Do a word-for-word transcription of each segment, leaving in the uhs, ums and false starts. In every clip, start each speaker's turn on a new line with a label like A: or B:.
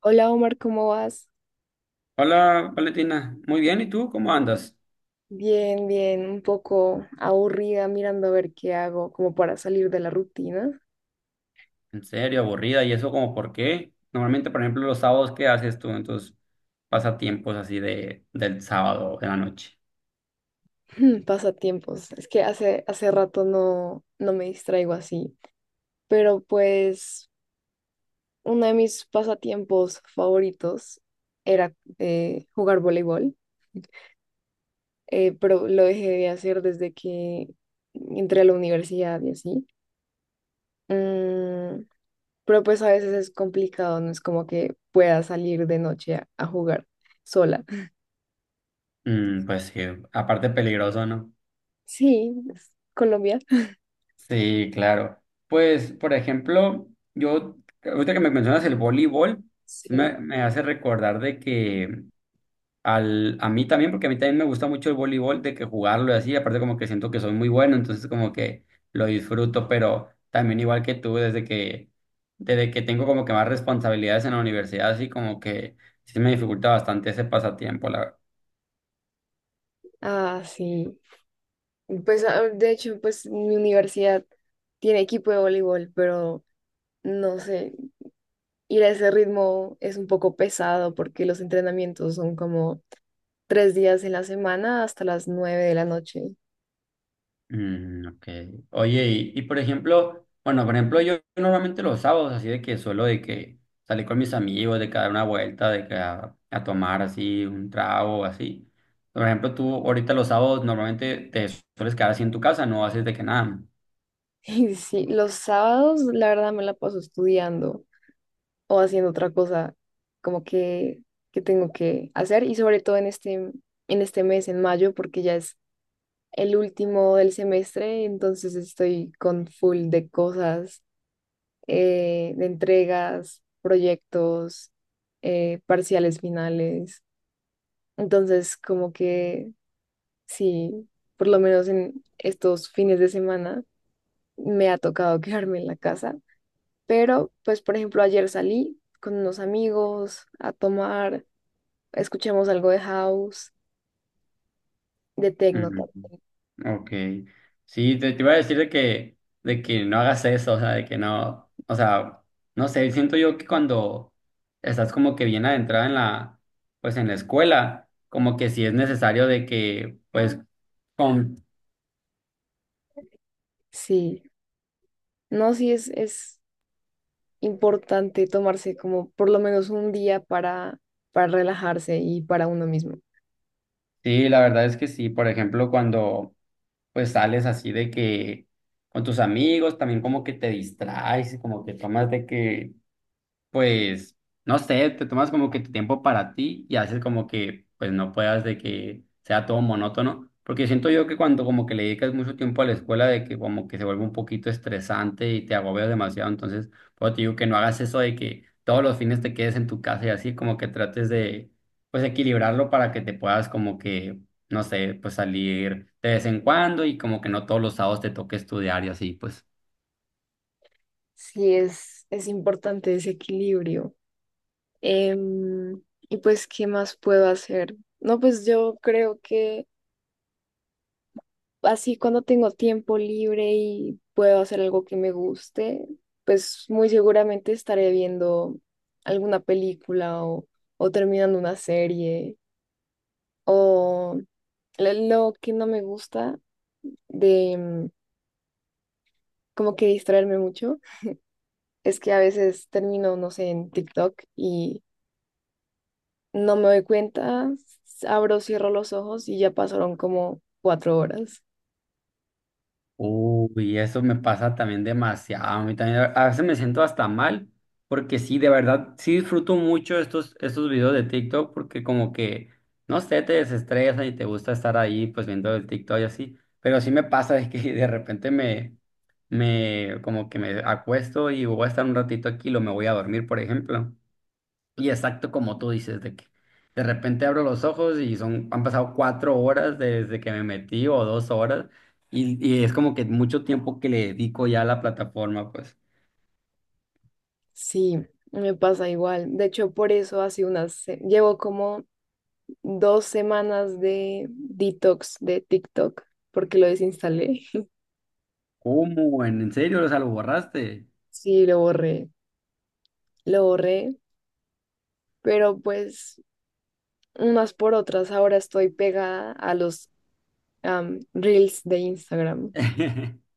A: Hola Omar, ¿cómo vas?
B: Hola, Valentina. Muy bien, ¿y tú cómo andas?
A: Bien, bien, un poco aburrida mirando a ver qué hago como para salir de la rutina.
B: En serio, aburrida, ¿y eso como por qué? Normalmente, por ejemplo, los sábados, ¿qué haces tú en tus pasatiempos así de, del sábado de la noche?
A: Pasatiempos. Es que hace, hace rato no, no me distraigo así. Pero pues uno de mis pasatiempos favoritos era eh, jugar voleibol, eh, pero lo dejé de hacer desde que entré a la universidad y así. Mm. Pero pues a veces es complicado, no es como que pueda salir de noche a, a jugar sola.
B: Mm, pues sí, aparte peligroso, ¿no?
A: Sí, es Colombia.
B: Sí, claro. Pues, por ejemplo, yo, ahorita que me mencionas el voleibol, sí me,
A: Sí.
B: me hace recordar de que al, a mí también, porque a mí también me gusta mucho el voleibol, de que jugarlo y así, aparte como que siento que soy muy bueno, entonces como que lo disfruto, pero también igual que tú, desde que, desde que tengo como que más responsabilidades en la universidad, así como que sí me dificulta bastante ese pasatiempo, la
A: Ah, sí. Pues ah, de hecho, pues mi universidad tiene equipo de voleibol, pero no sé, ir a ese ritmo es un poco pesado porque los entrenamientos son como tres días en la semana hasta las nueve de la noche.
B: Mm, ok. Oye, y, y por ejemplo, bueno, por ejemplo, yo normalmente los sábados, así de que suelo de que salir con mis amigos, de que dar una vuelta, de que a, a tomar así un trago, así. Por ejemplo, tú ahorita los sábados normalmente te sueles quedar así en tu casa, no haces de que nada.
A: Y sí, los sábados la verdad me la paso estudiando o haciendo otra cosa como que, que tengo que hacer y sobre todo en este, en este mes, en mayo, porque ya es el último del semestre, entonces estoy con full de cosas, eh, de entregas, proyectos, eh, parciales finales. Entonces como que sí, por lo menos en estos fines de semana me ha tocado quedarme en la casa. Pero, pues, por ejemplo, ayer salí con unos amigos a tomar, escuchamos algo de house, de techno.
B: Ok. Sí, te, te iba a decir de que, de que no hagas eso, o sea, de que no, o sea, no sé, siento yo que cuando estás como que bien adentrada en la, pues en la escuela, como que sí es necesario de que, pues, con,
A: Sí, no, sí es, es importante tomarse como por lo menos un día para, para relajarse y para uno mismo.
B: sí, la verdad es que sí, por ejemplo, cuando pues sales así de que con tus amigos, también como que te distraes, y como que tomas de que pues, no sé, te tomas como que tu tiempo para ti y haces como que, pues, no puedas de que sea todo monótono, porque siento yo que cuando como que le dedicas mucho tiempo a la escuela, de que como que se vuelve un poquito estresante y te agobias demasiado, entonces, pues, te digo que no hagas eso de que todos los fines te quedes en tu casa y así, como que trates de, pues, equilibrarlo para que te puedas como que, no sé, pues, salir de vez en cuando y como que no todos los sábados te toque estudiar y así, pues.
A: Sí, es, es importante ese equilibrio. Em, y pues, ¿qué más puedo hacer? No, pues yo creo que así cuando tengo tiempo libre y puedo hacer algo que me guste, pues muy seguramente estaré viendo alguna película o, o terminando una serie. O lo lo que no me gusta de mm, como que distraerme mucho es que a veces termino, no sé, en TikTok y no me doy cuenta, s- abro, cierro los ojos y ya pasaron como cuatro horas.
B: Uy, eso me pasa también demasiado. A mí también, a veces me siento hasta mal, porque sí, de verdad, sí disfruto mucho estos, estos videos de TikTok, porque como que, no sé, te desestresa y te gusta estar ahí, pues viendo el TikTok y así. Pero sí me pasa es que de repente me, me, como que me acuesto y voy a estar un ratito aquí y lo me voy a dormir, por ejemplo. Y exacto como tú dices, de que de repente abro los ojos y son, han pasado cuatro horas desde que me metí o dos horas y, y es como que mucho tiempo que le dedico ya a la plataforma, pues.
A: Sí, me pasa igual. De hecho, por eso hace unas, se- llevo como dos semanas de detox de TikTok porque lo desinstalé.
B: ¿Cómo? ¿En, en serio? O sea, lo borraste.
A: Sí, lo borré, lo borré, pero pues... unas por otras, ahora estoy pegada a los am, reels de Instagram.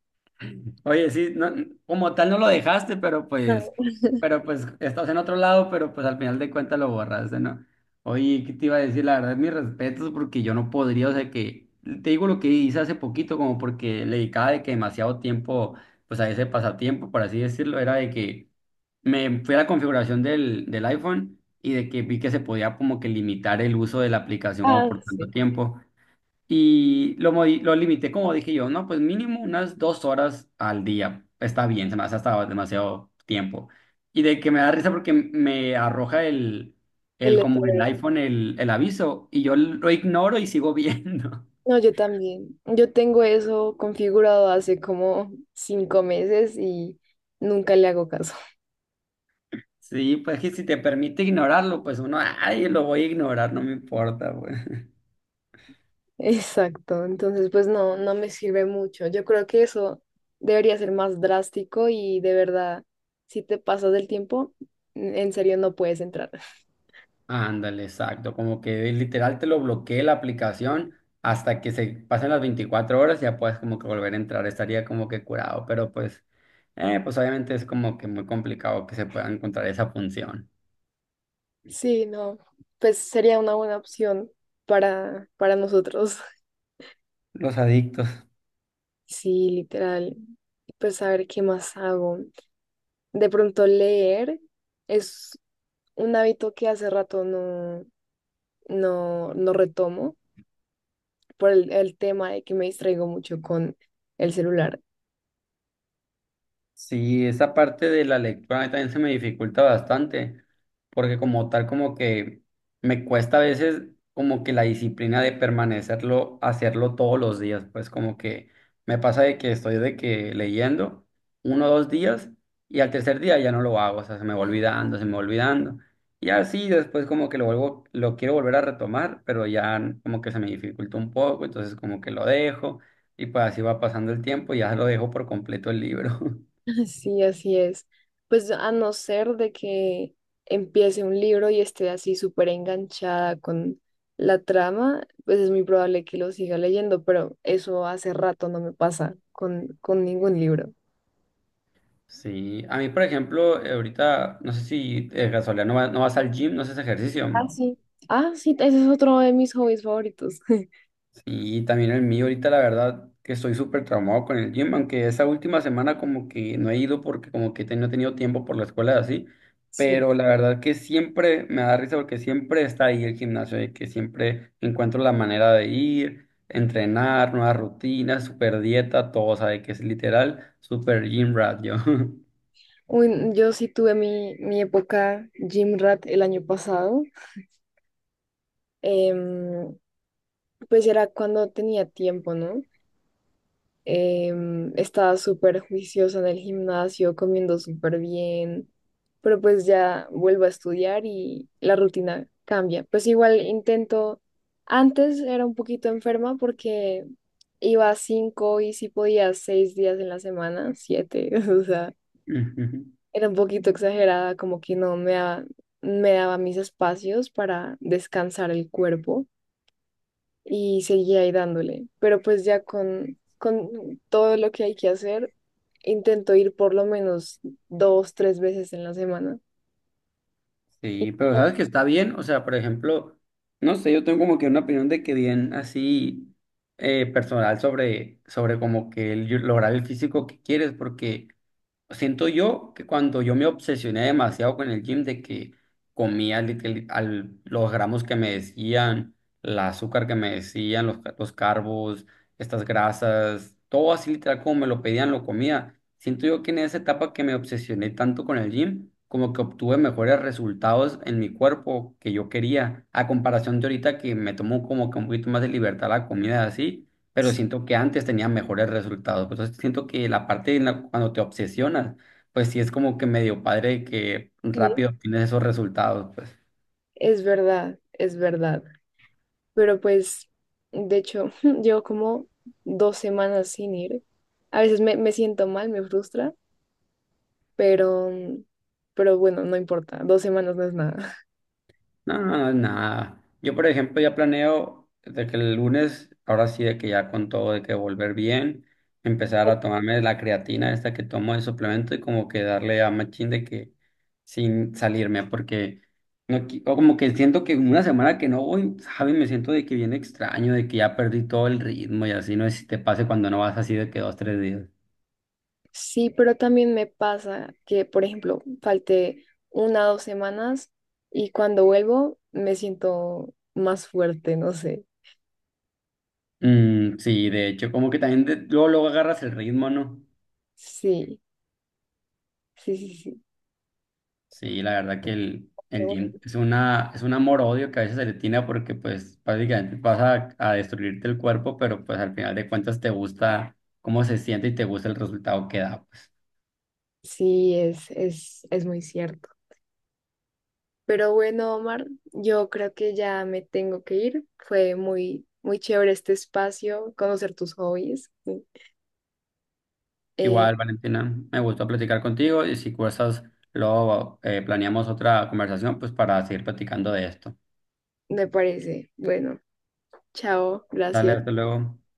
B: Oye, sí, no- como tal no lo dejaste, pero
A: No.
B: pues, pero pues estás en otro lado, pero pues al final de cuentas lo borraste, ¿no? Oye, ¿qué te iba a decir? La verdad, mis respetos, porque yo no podría, o sea que, te digo lo que hice hace poquito, como porque le dedicaba de que demasiado tiempo, pues a ese pasatiempo, por así decirlo, era de que me fui a la configuración del, del iPhone y de que vi que se podía como que limitar el uso de la aplicación como
A: Ah,
B: por tanto
A: sí.
B: tiempo. Y lo, modi- lo limité, como dije yo, no, pues mínimo unas dos horas al día. Está bien, se me hace hasta demasiado tiempo. Y de que me da risa porque me arroja el,
A: El
B: el como el
A: letrero.
B: iPhone, el, el aviso, y yo lo ignoro y sigo viendo.
A: No, yo también. Yo tengo eso configurado hace como cinco meses y nunca le hago caso.
B: Sí, pues que si te permite ignorarlo, pues uno, ay, lo voy a ignorar, no me importa,
A: Exacto. Entonces, pues no, no me sirve mucho. Yo creo que eso debería ser más drástico y de verdad, si te pasas del tiempo, en serio no puedes entrar.
B: Ándale, exacto. Como que literal te lo bloquee la aplicación hasta que se pasen las veinticuatro horas y ya puedes como que volver a entrar. Estaría como que curado, pero pues, eh, pues obviamente es como que muy complicado que se pueda encontrar esa función.
A: Sí, no, pues sería una buena opción para, para nosotros.
B: Los adictos.
A: Sí, literal. Pues a ver qué más hago. De pronto leer es un hábito que hace rato no, no, no retomo por el, el tema de que me distraigo mucho con el celular.
B: Sí, esa parte de la lectura a mí también se me dificulta bastante, porque como tal como que me cuesta a veces como que la disciplina de permanecerlo, hacerlo todos los días, pues como que me pasa de que estoy de que leyendo uno o dos días y al tercer día ya no lo hago, o sea, se me va olvidando, se me va olvidando. Y así después como que lo vuelvo, lo quiero volver a retomar, pero ya como que se me dificulta un poco, entonces como que lo dejo y pues así va pasando el tiempo y ya lo dejo por completo el libro.
A: Sí, así es. Pues a no ser de que empiece un libro y esté así súper enganchada con la trama, pues es muy probable que lo siga leyendo, pero eso hace rato no me pasa con, con ningún libro.
B: Sí, a mí, por ejemplo, eh, ahorita, no sé si de casualidad no, va- no vas al gym, no haces ejercicio.
A: Ah, sí. Ah, sí, ese es otro de mis hobbies favoritos.
B: Sí, también el mío, ahorita la verdad que estoy súper traumado con el gym, aunque esa última semana como que no he ido porque como que te- no he tenido tiempo por la escuela y así,
A: Sí.
B: pero la verdad que siempre me da risa porque siempre está ahí el gimnasio, de que siempre encuentro la manera de ir, entrenar, nuevas rutinas, super dieta, todo, o sea, de que es literal, super gym rat yo.
A: Uy, yo sí tuve mi, mi época Gym Rat el año pasado. Em, pues era cuando tenía tiempo, ¿no? em, estaba súper juiciosa en el gimnasio, comiendo súper bien, pero pues ya vuelvo a estudiar y la rutina cambia. Pues igual intento, antes era un poquito enferma porque iba cinco y si podía seis días en la semana, siete, o sea, era un poquito exagerada, como que no me daba, me daba mis espacios para descansar el cuerpo. Y seguía ahí dándole, pero pues ya con, con todo lo que hay que hacer, intento ir por lo menos dos, tres veces en la semana. Y
B: Sí, pero sabes que está bien, o sea, por ejemplo, no sé, yo tengo como que una opinión de que bien así eh, personal sobre, sobre como que el, lograr el físico que quieres, porque siento yo que cuando yo me obsesioné demasiado con el gym, de que comía literal- al- los gramos que me decían, el azúcar que me decían, los, ca- los carbos, estas grasas, todo así literal como me lo pedían, lo comía. Siento yo que en esa etapa que me obsesioné tanto con el gym, como que obtuve mejores resultados en mi cuerpo que yo quería, a comparación de ahorita que me tomo como que un poquito más de libertad la comida así, pero siento que antes tenía mejores resultados. Pues, entonces siento que la parte en la- cuando te obsesionas, pues sí es como que medio padre que
A: sí,
B: rápido tienes esos resultados, pues.
A: es verdad, es verdad. Pero pues, de hecho, llevo como dos semanas sin ir. A veces me, me siento mal, me frustra, pero, mm, pero bueno, no importa. Dos semanas no es nada.
B: No, no no, nada. Yo, por ejemplo, ya planeo de que el lunes, ahora sí, de que ya con todo, de que volver bien, empezar a tomarme la creatina esta que tomo de suplemento y como que darle a machín de que sin salirme, porque no, qui- o como que siento que una semana que no voy, ¿sabes? Me siento de que viene extraño, de que ya perdí todo el ritmo y así, no sé si te pase cuando no vas así de que dos, tres días.
A: Sí, pero también me pasa que, por ejemplo, falté una o dos semanas y cuando vuelvo me siento más fuerte, no sé.
B: Mm, sí, de hecho, como que también de- luego, luego agarras el ritmo, ¿no?
A: Sí, sí, sí, sí.
B: Sí, la verdad que el, el gym es una, es un amor-odio que a veces se le tiene porque pues prácticamente vas a, a destruirte el cuerpo, pero pues al final de cuentas te gusta cómo se siente y te gusta el resultado que da, pues.
A: Sí, es, es, es muy cierto. Pero bueno, Omar, yo creo que ya me tengo que ir. Fue muy, muy chévere este espacio, conocer tus hobbies. Eh,
B: Igual, Valentina, me gustó platicar contigo y si gustas, luego eh, planeamos otra conversación pues para seguir platicando de esto.
A: me parece. Bueno, chao,
B: Dale,
A: gracias.
B: hasta luego.